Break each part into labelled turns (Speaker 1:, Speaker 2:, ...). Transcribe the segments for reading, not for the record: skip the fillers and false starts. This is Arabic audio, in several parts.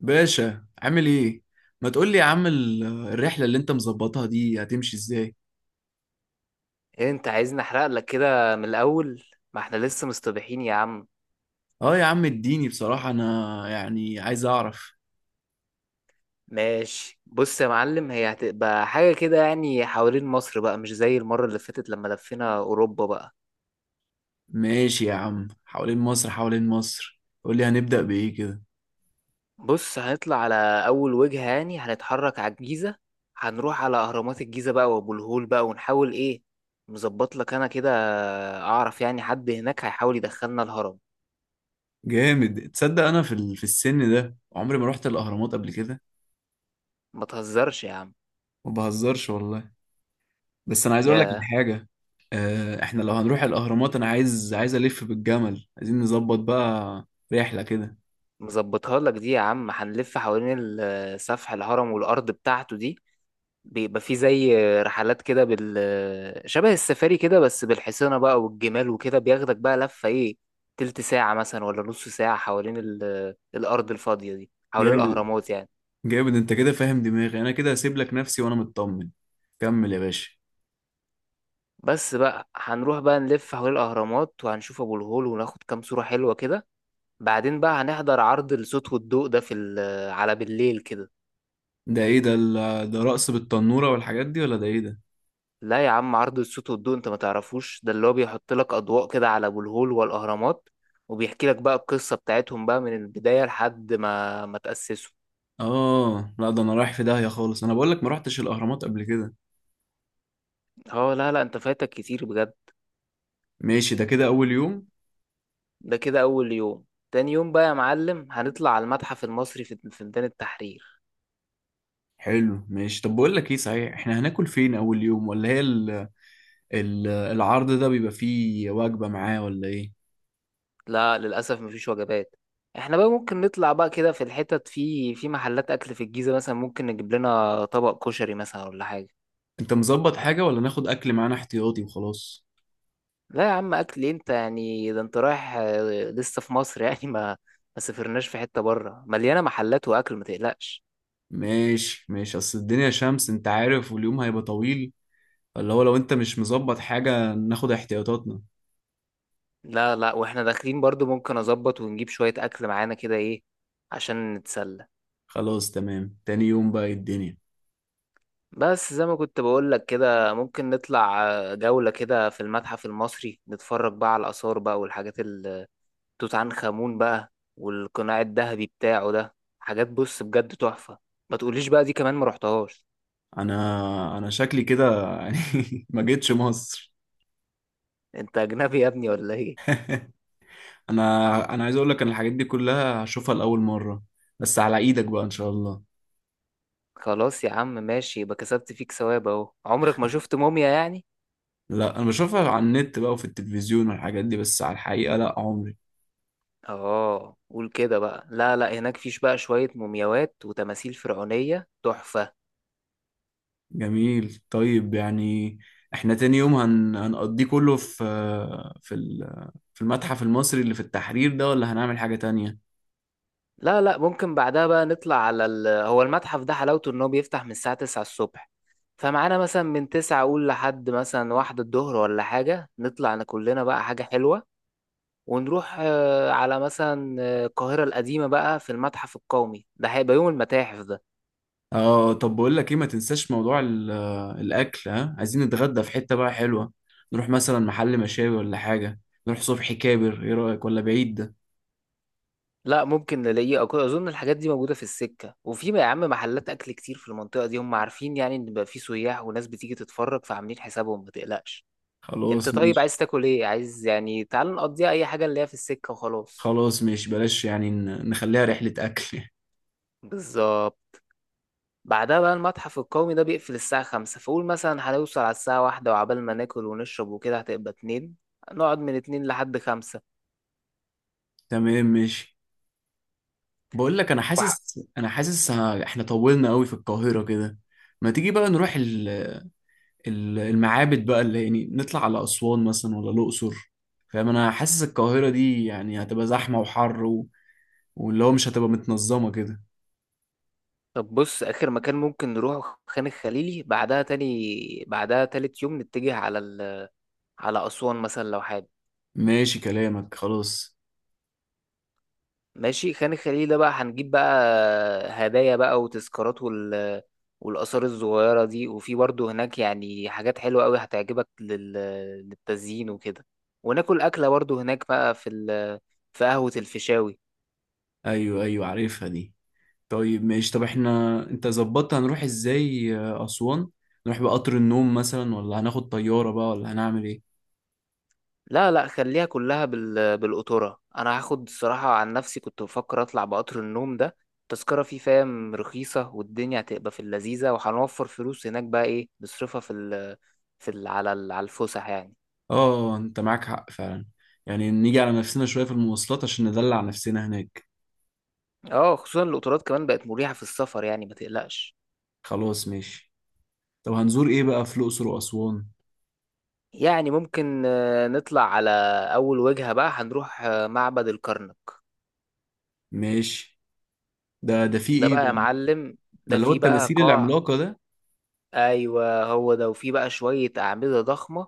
Speaker 1: باشا عامل ايه؟ ما تقول لي يا عم، الرحله اللي انت مظبطها دي هتمشي ازاي؟
Speaker 2: ايه انت عايزني احرق لك كده من الاول. ما احنا لسه مستبيحين يا عم.
Speaker 1: اه يا عم، اديني بصراحه، انا يعني عايز اعرف.
Speaker 2: ماشي، بص يا معلم، هي هتبقى حاجة كده يعني حوالين مصر بقى، مش زي المرة اللي فاتت لما لفينا اوروبا بقى.
Speaker 1: ماشي يا عم، حوالين مصر حوالين مصر، قول لي هنبدا بايه كده.
Speaker 2: بص هنطلع على اول وجهة يعني هنتحرك على الجيزة. هنروح على اهرامات الجيزة بقى وابو الهول بقى، ونحاول ايه، مظبط لك انا كده. اعرف يعني حد هناك هيحاول يدخلنا الهرم.
Speaker 1: جامد، تصدق انا في السن ده عمري ما رحت الاهرامات قبل كده.
Speaker 2: ما تهزرش يا عم.
Speaker 1: ما بهزرش والله. بس انا عايز اقول لك
Speaker 2: يا
Speaker 1: الحاجه. احنا لو هنروح الاهرامات انا عايز الف بالجمل، عايزين نظبط بقى رحله كده.
Speaker 2: مظبطها لك دي يا عم، هنلف حوالين سفح الهرم والارض بتاعته دي، بيبقى في زي رحلات كده شبه السفاري كده، بس بالحصينة بقى والجمال وكده، بياخدك بقى لفة ايه، تلت ساعة مثلا ولا نص ساعة، حوالين الأرض الفاضية دي، حوالين
Speaker 1: جامد،
Speaker 2: الأهرامات يعني.
Speaker 1: جامد انت كده فاهم دماغي، انا كده هسيب لك نفسي وانا مطمن. كمل يا باشا.
Speaker 2: بس بقى هنروح بقى نلف حوالين الأهرامات، وهنشوف أبو الهول وناخد كام صورة حلوة كده. بعدين بقى هنحضر عرض الصوت والضوء ده في ال... على بالليل كده.
Speaker 1: ده ايه ده، ده رقص بالتنورة والحاجات دي ولا ده ايه ده؟
Speaker 2: لا يا عم، عرض الصوت والضوء انت ما تعرفوش، ده اللي هو بيحط لك اضواء كده على ابو الهول والاهرامات، وبيحكي لك بقى القصه بتاعتهم بقى من البدايه لحد ما تاسسوا.
Speaker 1: اه لا، ده انا رايح في داهية خالص، انا بقول لك ما رحتش الاهرامات قبل كده.
Speaker 2: اه لا لا، انت فايتك كتير بجد.
Speaker 1: ماشي، ده كده اول يوم.
Speaker 2: ده كده اول يوم. تاني يوم بقى يا معلم هنطلع على المتحف المصري في ميدان التحرير.
Speaker 1: حلو ماشي، طب بقول لك ايه صحيح، احنا هناكل فين اول يوم، ولا هي العرض ده بيبقى فيه وجبة معاه ولا ايه؟
Speaker 2: لا للاسف مفيش وجبات. احنا بقى ممكن نطلع بقى كده في الحتت في محلات اكل في الجيزه، مثلا ممكن نجيب لنا طبق كشري مثلا ولا حاجه.
Speaker 1: انت مظبط حاجة ولا ناخد اكل معانا احتياطي وخلاص؟
Speaker 2: لا يا عم، اكل إيه انت يعني، ده انت رايح لسه في مصر يعني ما سافرناش، في حتة بره مليانة محلات واكل، ما تقلقش.
Speaker 1: ماشي ماشي، اصل الدنيا شمس انت عارف، واليوم هيبقى طويل، اللي هو لو انت مش مظبط حاجة ناخد احتياطاتنا.
Speaker 2: لا لا، واحنا داخلين برضو ممكن اظبط ونجيب شوية اكل معانا كده ايه عشان نتسلى.
Speaker 1: خلاص تمام، تاني يوم بقى إيه الدنيا؟
Speaker 2: بس زي ما كنت بقول لك كده، ممكن نطلع جولة كده في المتحف المصري نتفرج بقى على الآثار بقى، والحاجات توت عنخ آمون بقى، والقناع الذهبي بتاعه ده، حاجات بص بجد تحفة. ما تقوليش بقى دي كمان ما رحتهاش.
Speaker 1: انا شكلي كده يعني ما جيتش مصر.
Speaker 2: انت اجنبي يا ابني ولا ايه؟
Speaker 1: انا عايز اقول لك ان الحاجات دي كلها هشوفها لاول مرة، بس على ايدك بقى ان شاء الله.
Speaker 2: خلاص يا عم ماشي، يبقى كسبت فيك ثواب اهو، عمرك ما شفت موميا يعني.
Speaker 1: لا، انا بشوفها على النت بقى وفي التلفزيون والحاجات دي، بس على الحقيقة لا، عمري.
Speaker 2: اه قول كده بقى، لا لا هناك فيش بقى شوية مومياوات وتماثيل فرعونية تحفة.
Speaker 1: جميل، طيب يعني احنا تاني يوم هنقضيه كله في في المتحف المصري اللي في التحرير ده، ولا هنعمل حاجة تانية؟
Speaker 2: لا لا، ممكن بعدها بقى نطلع على هو المتحف ده حلاوته ان هو بيفتح من الساعة 9 الصبح، فمعانا مثلا من 9 اقول لحد مثلا واحدة الظهر ولا حاجة، نطلع أنا كلنا بقى حاجة حلوة، ونروح على مثلا القاهرة القديمة بقى، في المتحف القومي، ده هيبقى يوم المتاحف.
Speaker 1: اه طب بقول لك ايه، ما تنساش موضوع الاكل، ها، عايزين نتغدى في حتة بقى حلوة، نروح مثلا محل مشاوي ولا حاجة، نروح صبحي كابر، ايه رأيك ولا بعيد ده؟
Speaker 2: لا ممكن نلاقيه اظن الحاجات دي موجوده في السكه، وفي يا عم محلات اكل كتير في المنطقه دي، هم عارفين يعني ان بقى في سياح وناس بتيجي تتفرج، فعاملين حسابهم، ما تقلقش. انت
Speaker 1: خلاص
Speaker 2: طيب
Speaker 1: ماشي.
Speaker 2: عايز تاكل ايه، عايز يعني تعال نقضيها اي حاجه اللي هي في السكه وخلاص.
Speaker 1: خلاص ماشي، بلاش يعني نخليها رحلة اكل.
Speaker 2: بالظبط. بعدها بقى المتحف القومي ده بيقفل الساعه 5، فقول مثلا هنوصل على الساعه 1، وعبال ما ناكل ونشرب وكده هتبقى اتنين، نقعد من اتنين لحد خمسة.
Speaker 1: تمام ماشي، بقول لك انا
Speaker 2: وح-
Speaker 1: حاسس، احنا طولنا قوي في القاهرة كده. ما تيجي بقى نروح المعابد بقى، اللي يعني نطلع على اسوان مثلا ولا الاقصر؟ فاهم، انا حاسس القاهرة دي يعني هتبقى زحمة وحر، واللي هو مش هتبقى متنظمة كده.
Speaker 2: طب بص، آخر مكان ممكن نروحه خان الخليلي، بعدها تاني، بعدها تالت يوم نتجه على على أسوان مثلا لو حابب.
Speaker 1: ماشي كلامك خلاص.
Speaker 2: ماشي، خان الخليل ده بقى هنجيب بقى هدايا بقى وتذكارات والآثار الصغيرة دي، وفي برضه هناك يعني حاجات حلوة أوي هتعجبك للتزيين وكده، وناكل أكلة برضه هناك بقى في قهوة الفيشاوي.
Speaker 1: ايوه ايوه، عارفها دي. طيب ماشي، طب احنا انت ظبطت هنروح ازاي اسوان، نروح بقطر النوم مثلا ولا هناخد طيارة بقى ولا هنعمل ايه؟
Speaker 2: لا لا، خليها كلها بالقطورة، انا هاخد الصراحة عن نفسي كنت بفكر اطلع بقطر النوم ده، التذكرة فيه فاهم رخيصة، والدنيا هتبقى في اللذيذة، وهنوفر فلوس هناك بقى ايه نصرفها في ال... في ال... على ال... على الفسح يعني.
Speaker 1: اه، انت معاك حق فعلا، يعني نيجي على نفسنا شوية في المواصلات عشان ندلع نفسنا هناك.
Speaker 2: اه خصوصا القطارات كمان بقت مريحة في السفر يعني ما تقلقش.
Speaker 1: خلاص ماشي. طب هنزور ايه بقى في الاقصر واسوان؟
Speaker 2: يعني ممكن نطلع على اول وجهة بقى هنروح معبد الكرنك.
Speaker 1: ماشي، ده في
Speaker 2: ده
Speaker 1: ايه
Speaker 2: بقى يا
Speaker 1: بقى؟
Speaker 2: معلم،
Speaker 1: ده
Speaker 2: ده
Speaker 1: اللي هو
Speaker 2: فيه بقى
Speaker 1: التماثيل
Speaker 2: قاع.
Speaker 1: العملاقة ده.
Speaker 2: ايوه هو ده، وفيه بقى شوية اعمدة ضخمة،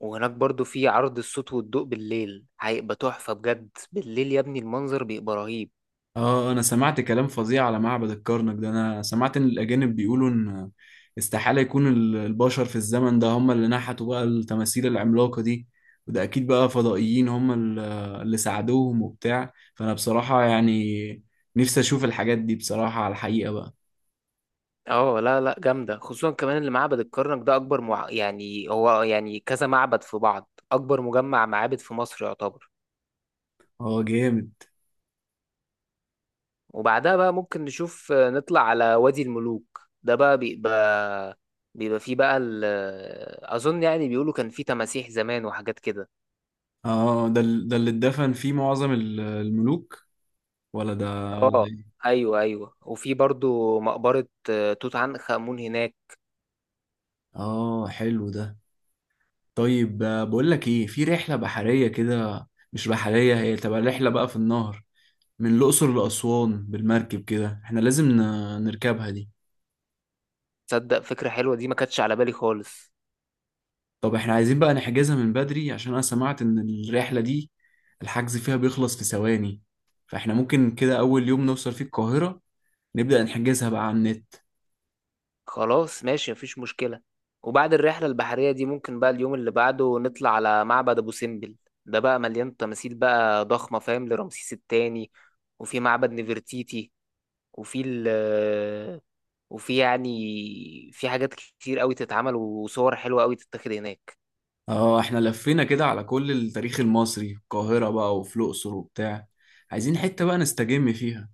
Speaker 2: وهناك برضو في عرض الصوت والضوء بالليل هيبقى تحفة بجد، بالليل يا ابني المنظر بيبقى رهيب.
Speaker 1: اه، انا سمعت كلام فظيع على معبد الكرنك ده، انا سمعت ان الاجانب بيقولوا ان استحالة يكون البشر في الزمن ده هم اللي نحتوا بقى التماثيل العملاقة دي، وده اكيد بقى فضائيين هم اللي ساعدوهم وبتاع، فانا بصراحة يعني نفسي اشوف الحاجات دي بصراحة على الحقيقة بقى.
Speaker 2: اه لا لا جامدة، خصوصا كمان اللي معبد الكرنك ده أكبر يعني هو يعني كذا معبد في بعض، أكبر مجمع معابد في مصر يعتبر.
Speaker 1: اه جامد.
Speaker 2: وبعدها بقى ممكن نشوف نطلع على وادي الملوك، ده بقى بيبقى فيه بقى أظن يعني بيقولوا كان فيه تماسيح زمان وحاجات كده.
Speaker 1: اه، ده اللي اتدفن فيه معظم الملوك، ولا ده، ولا
Speaker 2: اه
Speaker 1: ده إيه؟
Speaker 2: ايوه ايوه، وفي برضو مقبرة توت عنخ آمون هناك.
Speaker 1: اه حلو ده. طيب بقول لك ايه، في رحله بحريه كده، مش بحريه، هي تبقى رحله بقى في النهر، من الاقصر لاسوان بالمركب كده، احنا لازم نركبها دي.
Speaker 2: تصدق فكرة حلوة دي، ما كانتش على بالي خالص.
Speaker 1: طب احنا عايزين بقى نحجزها من بدري، عشان انا سمعت ان الرحله دي الحجز فيها بيخلص في ثواني، فاحنا ممكن كده اول يوم نوصل فيه القاهره نبدا نحجزها بقى على النت.
Speaker 2: خلاص ماشي، مفيش مشكلة. وبعد الرحلة البحرية دي ممكن بقى اليوم اللي بعده نطلع على معبد أبو سمبل، ده بقى مليان تماثيل بقى ضخمة فاهم، لرمسيس التاني، وفي معبد نفرتيتي، وفي ال وفي يعني في حاجات كتير قوي تتعمل وصور حلوة قوي تتاخد هناك.
Speaker 1: اه، احنا لفينا كده على كل التاريخ المصري في القاهره بقى وفي الاقصر وبتاع، عايزين حته بقى نستجم فيها.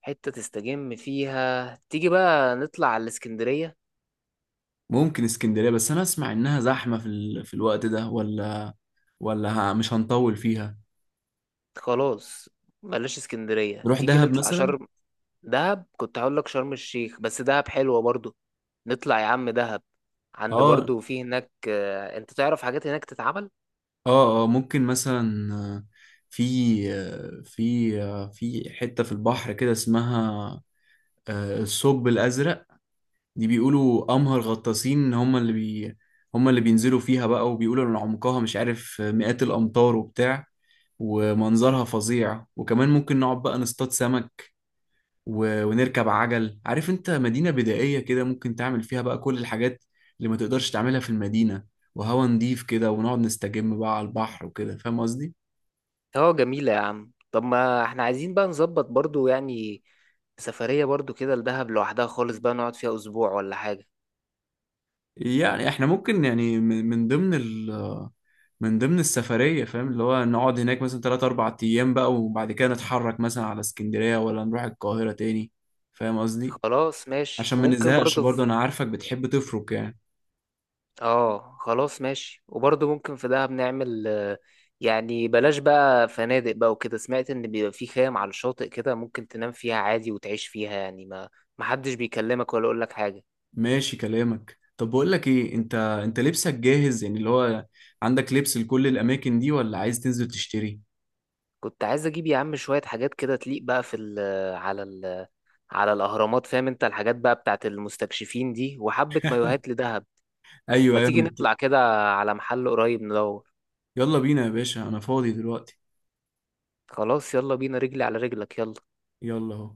Speaker 2: حتة تستجم فيها؟ تيجي بقى نطلع على الإسكندرية.
Speaker 1: ممكن اسكندرية، بس أنا أسمع إنها زحمة في الوقت ده، ولا مش هنطول فيها.
Speaker 2: خلاص بلاش اسكندرية،
Speaker 1: نروح
Speaker 2: تيجي
Speaker 1: دهب
Speaker 2: نطلع
Speaker 1: مثلا.
Speaker 2: شرم. دهب كنت هقول لك شرم الشيخ، بس دهب حلوة برضو، نطلع يا عم دهب، عند
Speaker 1: اه
Speaker 2: برضو في هناك انت تعرف حاجات هناك تتعمل.
Speaker 1: اه اه، ممكن مثلا في في حتة في البحر كده، اسمها الثقب الأزرق، دي بيقولوا أمهر غطاسين هم اللي بينزلوا فيها بقى، وبيقولوا إن عمقها مش عارف مئات الأمتار وبتاع، ومنظرها فظيع، وكمان ممكن نقعد بقى نصطاد سمك، ونركب عجل، عارف انت، مدينة بدائية كده ممكن تعمل فيها بقى كل الحاجات اللي ما تقدرش تعملها في المدينة، وهوا نضيف كده، ونقعد نستجم بقى على البحر وكده، فاهم قصدي.
Speaker 2: اه جميلة يا عم، طب ما احنا عايزين بقى نظبط برضو يعني سفرية برضو كده لدهب لوحدها خالص، بقى نقعد فيها اسبوع ولا حاجة.
Speaker 1: يعني احنا ممكن يعني من ضمن من ضمن السفرية، فاهم، اللي هو نقعد هناك مثلا 3 4 أيام بقى، وبعد كده نتحرك مثلا على اسكندرية ولا نروح القاهرة تاني، فاهم قصدي،
Speaker 2: خلاص ماشي،
Speaker 1: عشان ما
Speaker 2: وممكن
Speaker 1: نزهقش
Speaker 2: برضو
Speaker 1: برضه،
Speaker 2: في...
Speaker 1: أنا عارفك بتحب تفرك يعني.
Speaker 2: اه خلاص ماشي، وبرضه ممكن في دهب نعمل يعني بلاش بقى فنادق بقى وكده، سمعت ان بيبقى في خيام على الشاطئ كده، ممكن تنام فيها عادي وتعيش فيها يعني، ما محدش بيكلمك ولا يقول لك حاجة.
Speaker 1: ماشي كلامك، طب بقول لك ايه، انت لبسك جاهز يعني، اللي هو عندك لبس لكل الاماكن دي ولا عايز تنزل تشتري؟
Speaker 2: كنت عايز اجيب يا عم شوية حاجات كده تليق بقى في ال على ال على الاهرامات فاهم، انت الحاجات بقى بتاعت المستكشفين دي، وحبة مايوهات لدهب.
Speaker 1: ايوه
Speaker 2: ما
Speaker 1: ايوه،
Speaker 2: تيجي نطلع كده على محل قريب ندور.
Speaker 1: يلا بينا يا باشا، انا فاضي دلوقتي.
Speaker 2: خلاص يلا بينا، رجلي على رجلك، يلا.
Speaker 1: يلا اهو.